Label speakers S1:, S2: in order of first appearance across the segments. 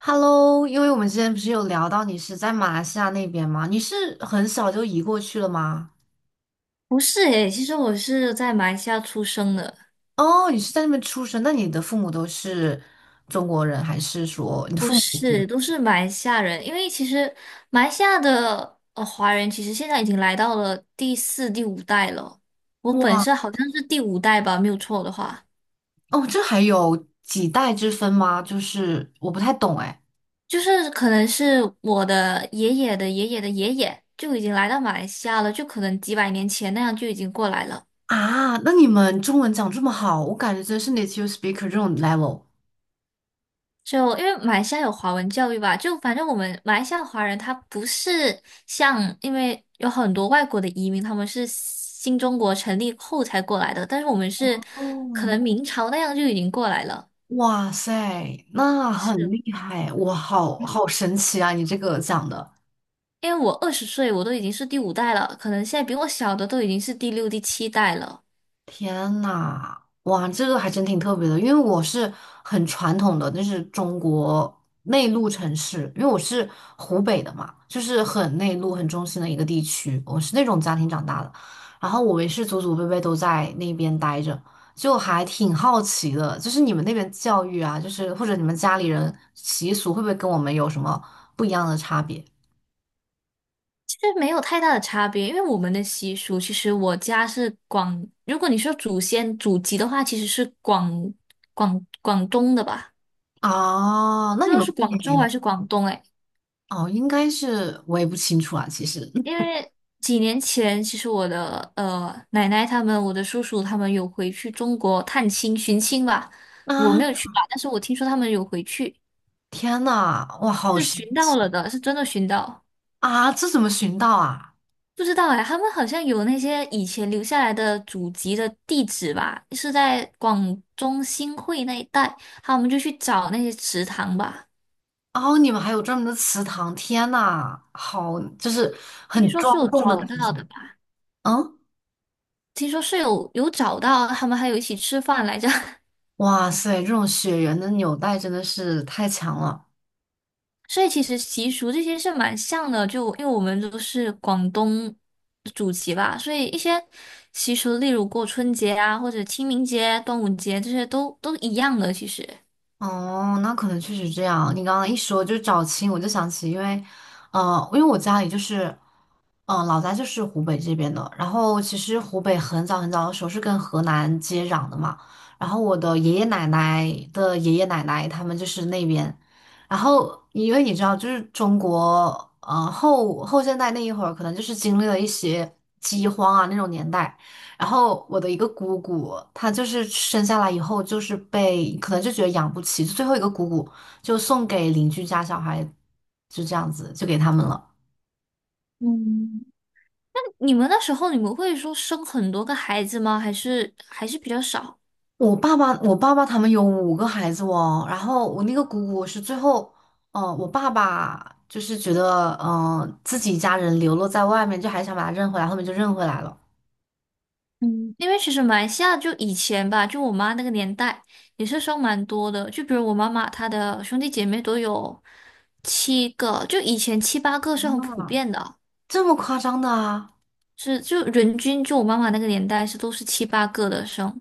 S1: Hello，因为我们之前不是有聊到你是在马来西亚那边吗？你是很小就移过去了吗？
S2: 不是诶，其实我是在马来西亚出生的，
S1: 哦，你是在那边出生，那你的父母都是中国人，还是说你的
S2: 不
S1: 父母？
S2: 是，都是马来西亚人。因为其实马来西亚的华人，其实现在已经来到了第四、第五代了。我本身
S1: 哇，
S2: 好像是第五代吧，没有错的话，
S1: 哦，这还有几代之分吗？就是我不太懂哎。
S2: 就是可能是我的爷爷的爷爷的爷爷就已经来到马来西亚了，就可能几百年前那样就已经过来了。
S1: 啊，那你们中文讲这么好，我感觉真是 native speaker 这种 level。
S2: 就因为马来西亚有华文教育吧，就反正我们马来西亚华人他不是像，因为有很多外国的移民，他们是新中国成立后才过来的，但是我们是可
S1: 哦，
S2: 能明朝那样就已经过来了，
S1: 哇塞，那很
S2: 是
S1: 厉害，哇，好好神奇啊！你这个讲的。
S2: 因为我20岁我都已经是第五代了，可能现在比我小的都已经是第六、第七代了。
S1: 天呐，哇，这个还真挺特别的，因为我是很传统的，就是中国内陆城市，因为我是湖北的嘛，就是很内陆、很中心的一个地区，我是那种家庭长大的，然后我也是祖祖辈辈都在那边待着，就还挺好奇的，就是你们那边教育啊，就是或者你们家里人习俗会不会跟我们有什么不一样的差别？
S2: 其实没有太大的差别，因为我们的习俗，其实我家是广，如果你说祖先祖籍的话，其实是广东的吧。
S1: 啊？那你
S2: 那
S1: 们
S2: 是
S1: 过
S2: 广
S1: 年
S2: 州
S1: 也
S2: 还是广东？哎，
S1: 哦，应该是我也不清楚啊，其实。
S2: 因 为几年前，其实我的奶奶他们、我的叔叔他们有回去中国探亲寻亲吧，我
S1: 啊，
S2: 没有去吧，但是我听说他们有回去，
S1: 天呐，哇，好
S2: 是
S1: 神
S2: 寻
S1: 奇
S2: 到了的，是真的寻到。
S1: 啊！这怎么寻到啊？
S2: 不知道哎，他们好像有那些以前留下来的祖籍的地址吧，是在广中新会那一带，好，我们就去找那些祠堂吧，
S1: 哦，你们还有专门的祠堂，天呐，好，就是
S2: 听
S1: 很
S2: 说是
S1: 庄
S2: 有
S1: 重的
S2: 找
S1: 感觉。
S2: 到的吧，
S1: 嗯，
S2: 听说是有找到，他们还有一起吃饭来着。
S1: 哇塞，这种血缘的纽带真的是太强了。
S2: 所以其实习俗这些是蛮像的，就因为我们都是广东祖籍吧，所以一些习俗，例如过春节啊，或者清明节、端午节这些都一样的。其实
S1: 哦，那可能确实这样。你刚刚一说就找亲，我就想起，因为我家里就是。嗯，老家就是湖北这边的。然后其实湖北很早很早的时候是跟河南接壤的嘛。然后我的爷爷奶奶的爷爷奶奶他们就是那边。然后因为你知道，就是中国后现代那一会儿，可能就是经历了一些饥荒啊那种年代。然后我的一个姑姑，她就是生下来以后就是被可能就觉得养不起，就最后一个姑姑就送给邻居家小孩，就这样子就给他们了。
S2: 嗯。你们那时候你们会说生很多个孩子吗？还是比较少？
S1: 我爸爸他们有五个孩子哦，然后我那个姑姑是最后，我爸爸就是觉得，自己家人流落在外面，就还想把他认回来，后面就认回来了，
S2: 嗯因为其实马来西亚就以前吧，就我妈那个年代也是生蛮多的，就比如我妈妈她的兄弟姐妹都有七个，就以前七八个是很普遍的。
S1: 这么夸张的啊！
S2: 是就人均就我妈妈那个年代是都是七八个的生，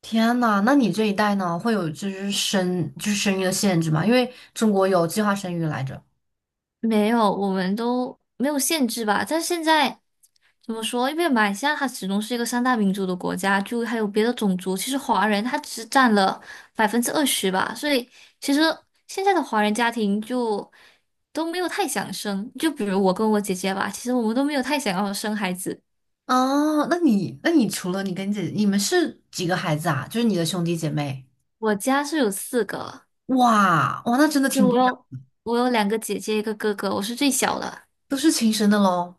S1: 天呐，那你这一代呢，会有就是生就是生育的限制吗？因为中国有计划生育来着。
S2: 没有，我们都没有限制吧。但是现在怎么说？因为马来西亚它始终是一个三大民族的国家，就还有别的种族，其实华人他只占了20%吧，所以其实现在的华人家庭就都没有太想生。就比如我跟我姐姐吧，其实我们都没有太想要生孩子。
S1: 哦，那你除了你跟你姐，你们是几个孩子啊？就是你的兄弟姐妹？
S2: 我家是有四个，
S1: 哇哇，那真的
S2: 就
S1: 挺不
S2: 我
S1: 一样，
S2: 有我有两个姐姐，一个哥哥，我是最小的。
S1: 都是亲生的喽。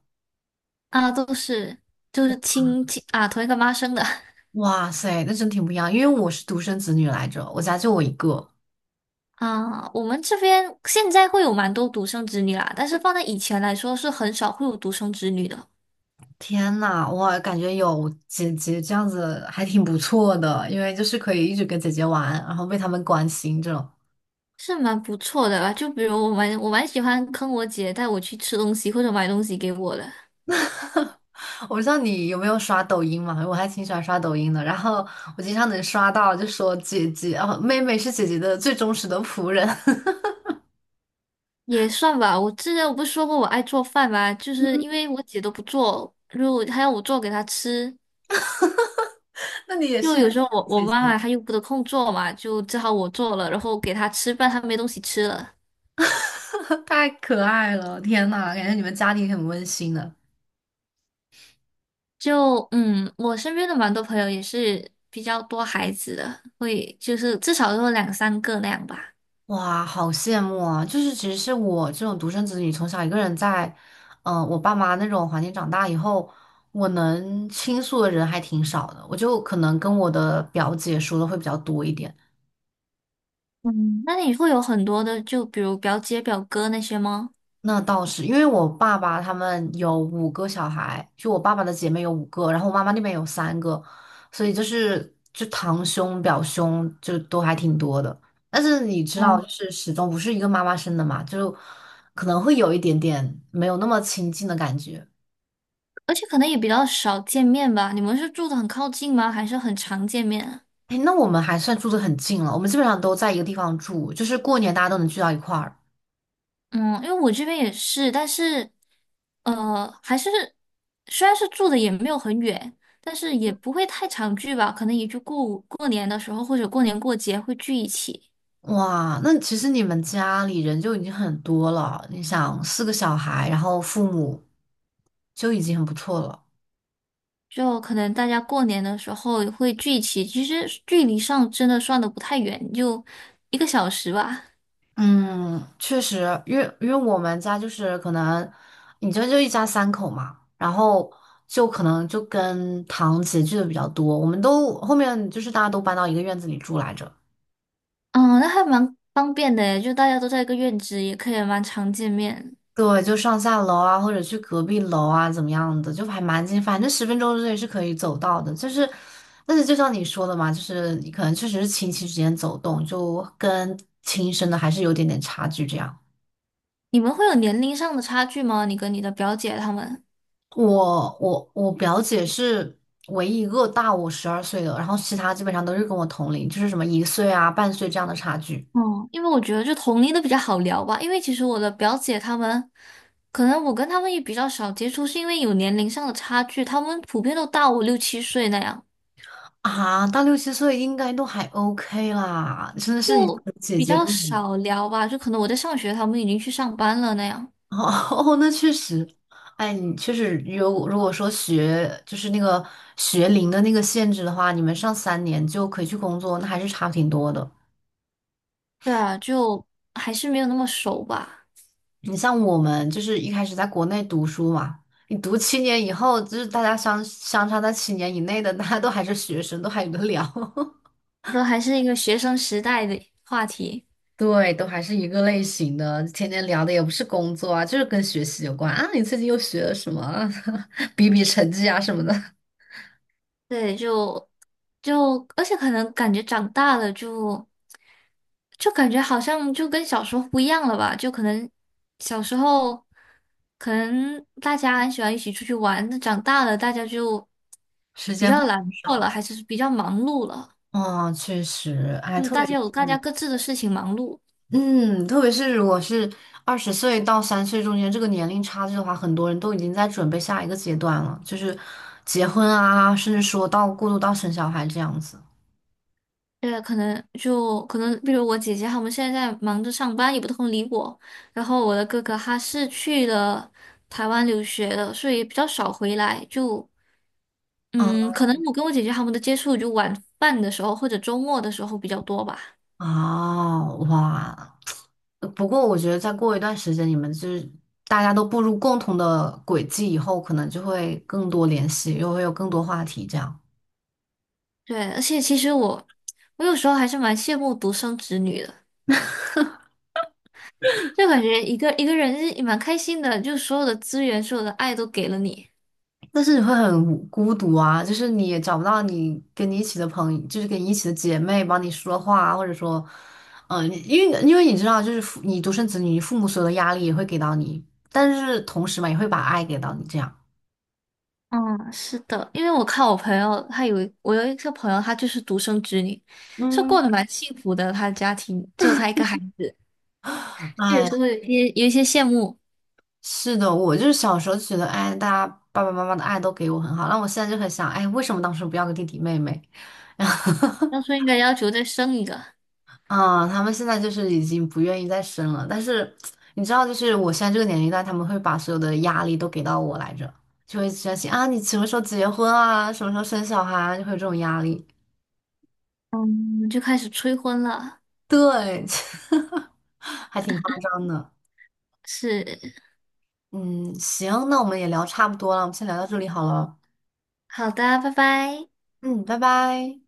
S2: 啊，都是就是亲戚啊，同一个妈生的
S1: 哇塞，那真挺不一样，因为我是独生子女来着，我家就我一个。
S2: 啊。我们这边现在会有蛮多独生子女啦，但是放在以前来说，是很少会有独生子女的，
S1: 天呐，我感觉有姐姐这样子还挺不错的，因为就是可以一直跟姐姐玩，然后被他们关心这种。
S2: 是蛮不错的吧？就比如我蛮喜欢坑我姐带我去吃东西或者买东西给我的，
S1: 我不知道你有没有刷抖音嘛，我还挺喜欢刷抖音的，然后我经常能刷到就说姐姐哦，妹妹是姐姐的最忠实的仆人。
S2: 也算吧。我之前我不是说过我爱做饭吗？就是因为我姐都不做，如果她要我做给她吃。
S1: 那你也
S2: 就
S1: 是很
S2: 有
S1: 喜
S2: 时候我
S1: 欢
S2: 我
S1: 姐
S2: 妈
S1: 姐，
S2: 妈她又不得空做嘛，就只好我做了，然后给她吃，饭，她没东西吃了。
S1: 太可爱了，天呐，感觉你们家庭很温馨的。
S2: 就我身边的蛮多朋友也是比较多孩子的，会就是至少都有两三个那样吧。
S1: 哇，好羡慕啊！就是其实是我这种独生子女，从小一个人在，我爸妈那种环境长大以后，我能倾诉的人还挺少的。我就可能跟我的表姐说的会比较多一点。
S2: 嗯，那你会有很多的，就比如表姐、表哥那些吗？
S1: 那倒是，因为我爸爸他们有五个小孩，就我爸爸的姐妹有五个，然后我妈妈那边有三个，所以就是就堂兄、表兄就都还挺多的。但是你知道，
S2: 嗯，
S1: 就是始终不是一个妈妈生的嘛，就可能会有一点点没有那么亲近的感觉。
S2: 而且可能也比较少见面吧。你们是住的很靠近吗？还是很常见面啊
S1: 哎，那我们还算住的很近了，我们基本上都在一个地方住，就是过年大家都能聚到一块儿。
S2: 嗯，因为我这边也是，但是还是虽然是住的也没有很远，但是也不会太常聚吧。可能也就过过年的时候或者过年过节会聚一起。
S1: 哇，那其实你们家里人就已经很多了。你想，四个小孩，然后父母就已经很不错了。
S2: 就可能大家过年的时候也会聚齐，其实距离上真的算的不太远，就1个小时吧。
S1: 嗯，确实，因为我们家就是可能，你这就一家三口嘛，然后就可能就跟堂姐聚的比较多。我们都后面就是大家都搬到一个院子里住来着。
S2: 嗯，那还蛮方便的，就大家都在一个院子，也可以蛮常见面。
S1: 对，就上下楼啊，或者去隔壁楼啊，怎么样的，就还蛮近，反正10分钟之内是可以走到的。就是，但是就像你说的嘛，就是你可能确实是亲戚之间走动，就跟亲生的还是有点点差距这样。
S2: 你们会有年龄上的差距吗？你跟你的表姐她们？
S1: 我表姐是唯一一个大我12岁的，然后其他基本上都是跟我同龄，就是什么1岁啊、半岁这样的差距
S2: 嗯，因为我觉得就同龄的比较好聊吧，因为其实我的表姐她们，可能我跟她们也比较少接触，是因为有年龄上的差距，她们普遍都大我六七岁那样。
S1: 啊，到六七岁应该都还 OK 啦，真的是你
S2: 就
S1: 姐
S2: 比
S1: 姐
S2: 较
S1: 跟我。
S2: 少聊吧，就可能我在上学，他们已经去上班了那样。
S1: 哦，那确实，哎，你确实有，如果说学龄的那个限制的话，你们上3年就可以去工作，那还是差挺多的。
S2: 对啊，就还是没有那么熟吧，
S1: 你像我们就是一开始在国内读书嘛，你读七年以后，就是大家相差在七年以内的，大家都还是学生，都还有的聊。
S2: 都还是一个学生时代的话题。
S1: 对，都还是一个类型的，天天聊的也不是工作啊，就是跟学习有关啊。你最近又学了什么啊？比比成绩啊什么的，
S2: 对，就而且可能感觉长大了就感觉好像就跟小时候不一样了吧，就可能小时候可能大家很喜欢一起出去玩，那长大了大家就
S1: 时
S2: 比
S1: 间会
S2: 较懒惰
S1: 少。
S2: 了，还是比较忙碌了，
S1: 哦，确实，哎，
S2: 就
S1: 特
S2: 大
S1: 别
S2: 家有大家
S1: 是，
S2: 各自的事情忙碌。
S1: 嗯，特别是如果是20岁到30岁中间这个年龄差距的话，很多人都已经在准备下一个阶段了，就是结婚啊，甚至说到过渡到生小孩这样子。
S2: 对，可能就可能，比如我姐姐他们现在在忙着上班，也不空理我。然后我的哥哥他是去了台湾留学的，所以比较少回来。就
S1: 嗯，
S2: 嗯，可能我跟我姐姐他们的接触就晚饭的时候或者周末的时候比较多吧。
S1: 哦，哇，不过我觉得再过一段时间，你们就是大家都步入共同的轨迹以后，可能就会更多联系，又会有更多话题这样。
S2: 对，而且其实我有时候还是蛮羡慕独生子女的，就感觉一个人是蛮开心的，就所有的资源、所有的爱都给了你。
S1: 但是你会很孤独啊，就是你也找不到你跟你一起的朋友，就是跟你一起的姐妹帮你说话啊或者说，你因为你知道，就是你独生子女，你父母所有的压力也会给到你，但是同时嘛，也会把爱给到你，这样。
S2: 嗯，是的，因为我看我朋友，他有一我有一个朋友，她就是独生子女，是
S1: 嗯，
S2: 过得蛮幸福的，她的家庭只有她一个孩子，这也
S1: 哎，
S2: 是会有一些羡慕，
S1: 是的，我就是小时候就觉得，哎，大家爸爸妈妈的爱都给我很好，那我现在就很想，哎，为什么当时不要个弟弟妹妹？
S2: 当初应该要求再生一个，
S1: 啊，他们现在就是已经不愿意再生了，但是你知道，就是我现在这个年龄段，他们会把所有的压力都给到我来着，就会担心啊，你什么时候结婚啊，什么时候生小孩啊，就会有这种压力。
S2: 嗯，就开始催婚了，
S1: 对，还挺夸张的。
S2: 是，
S1: 嗯，行，那我们也聊差不多了，我们先聊到这里好了。
S2: 好的，拜拜。
S1: 嗯，拜拜。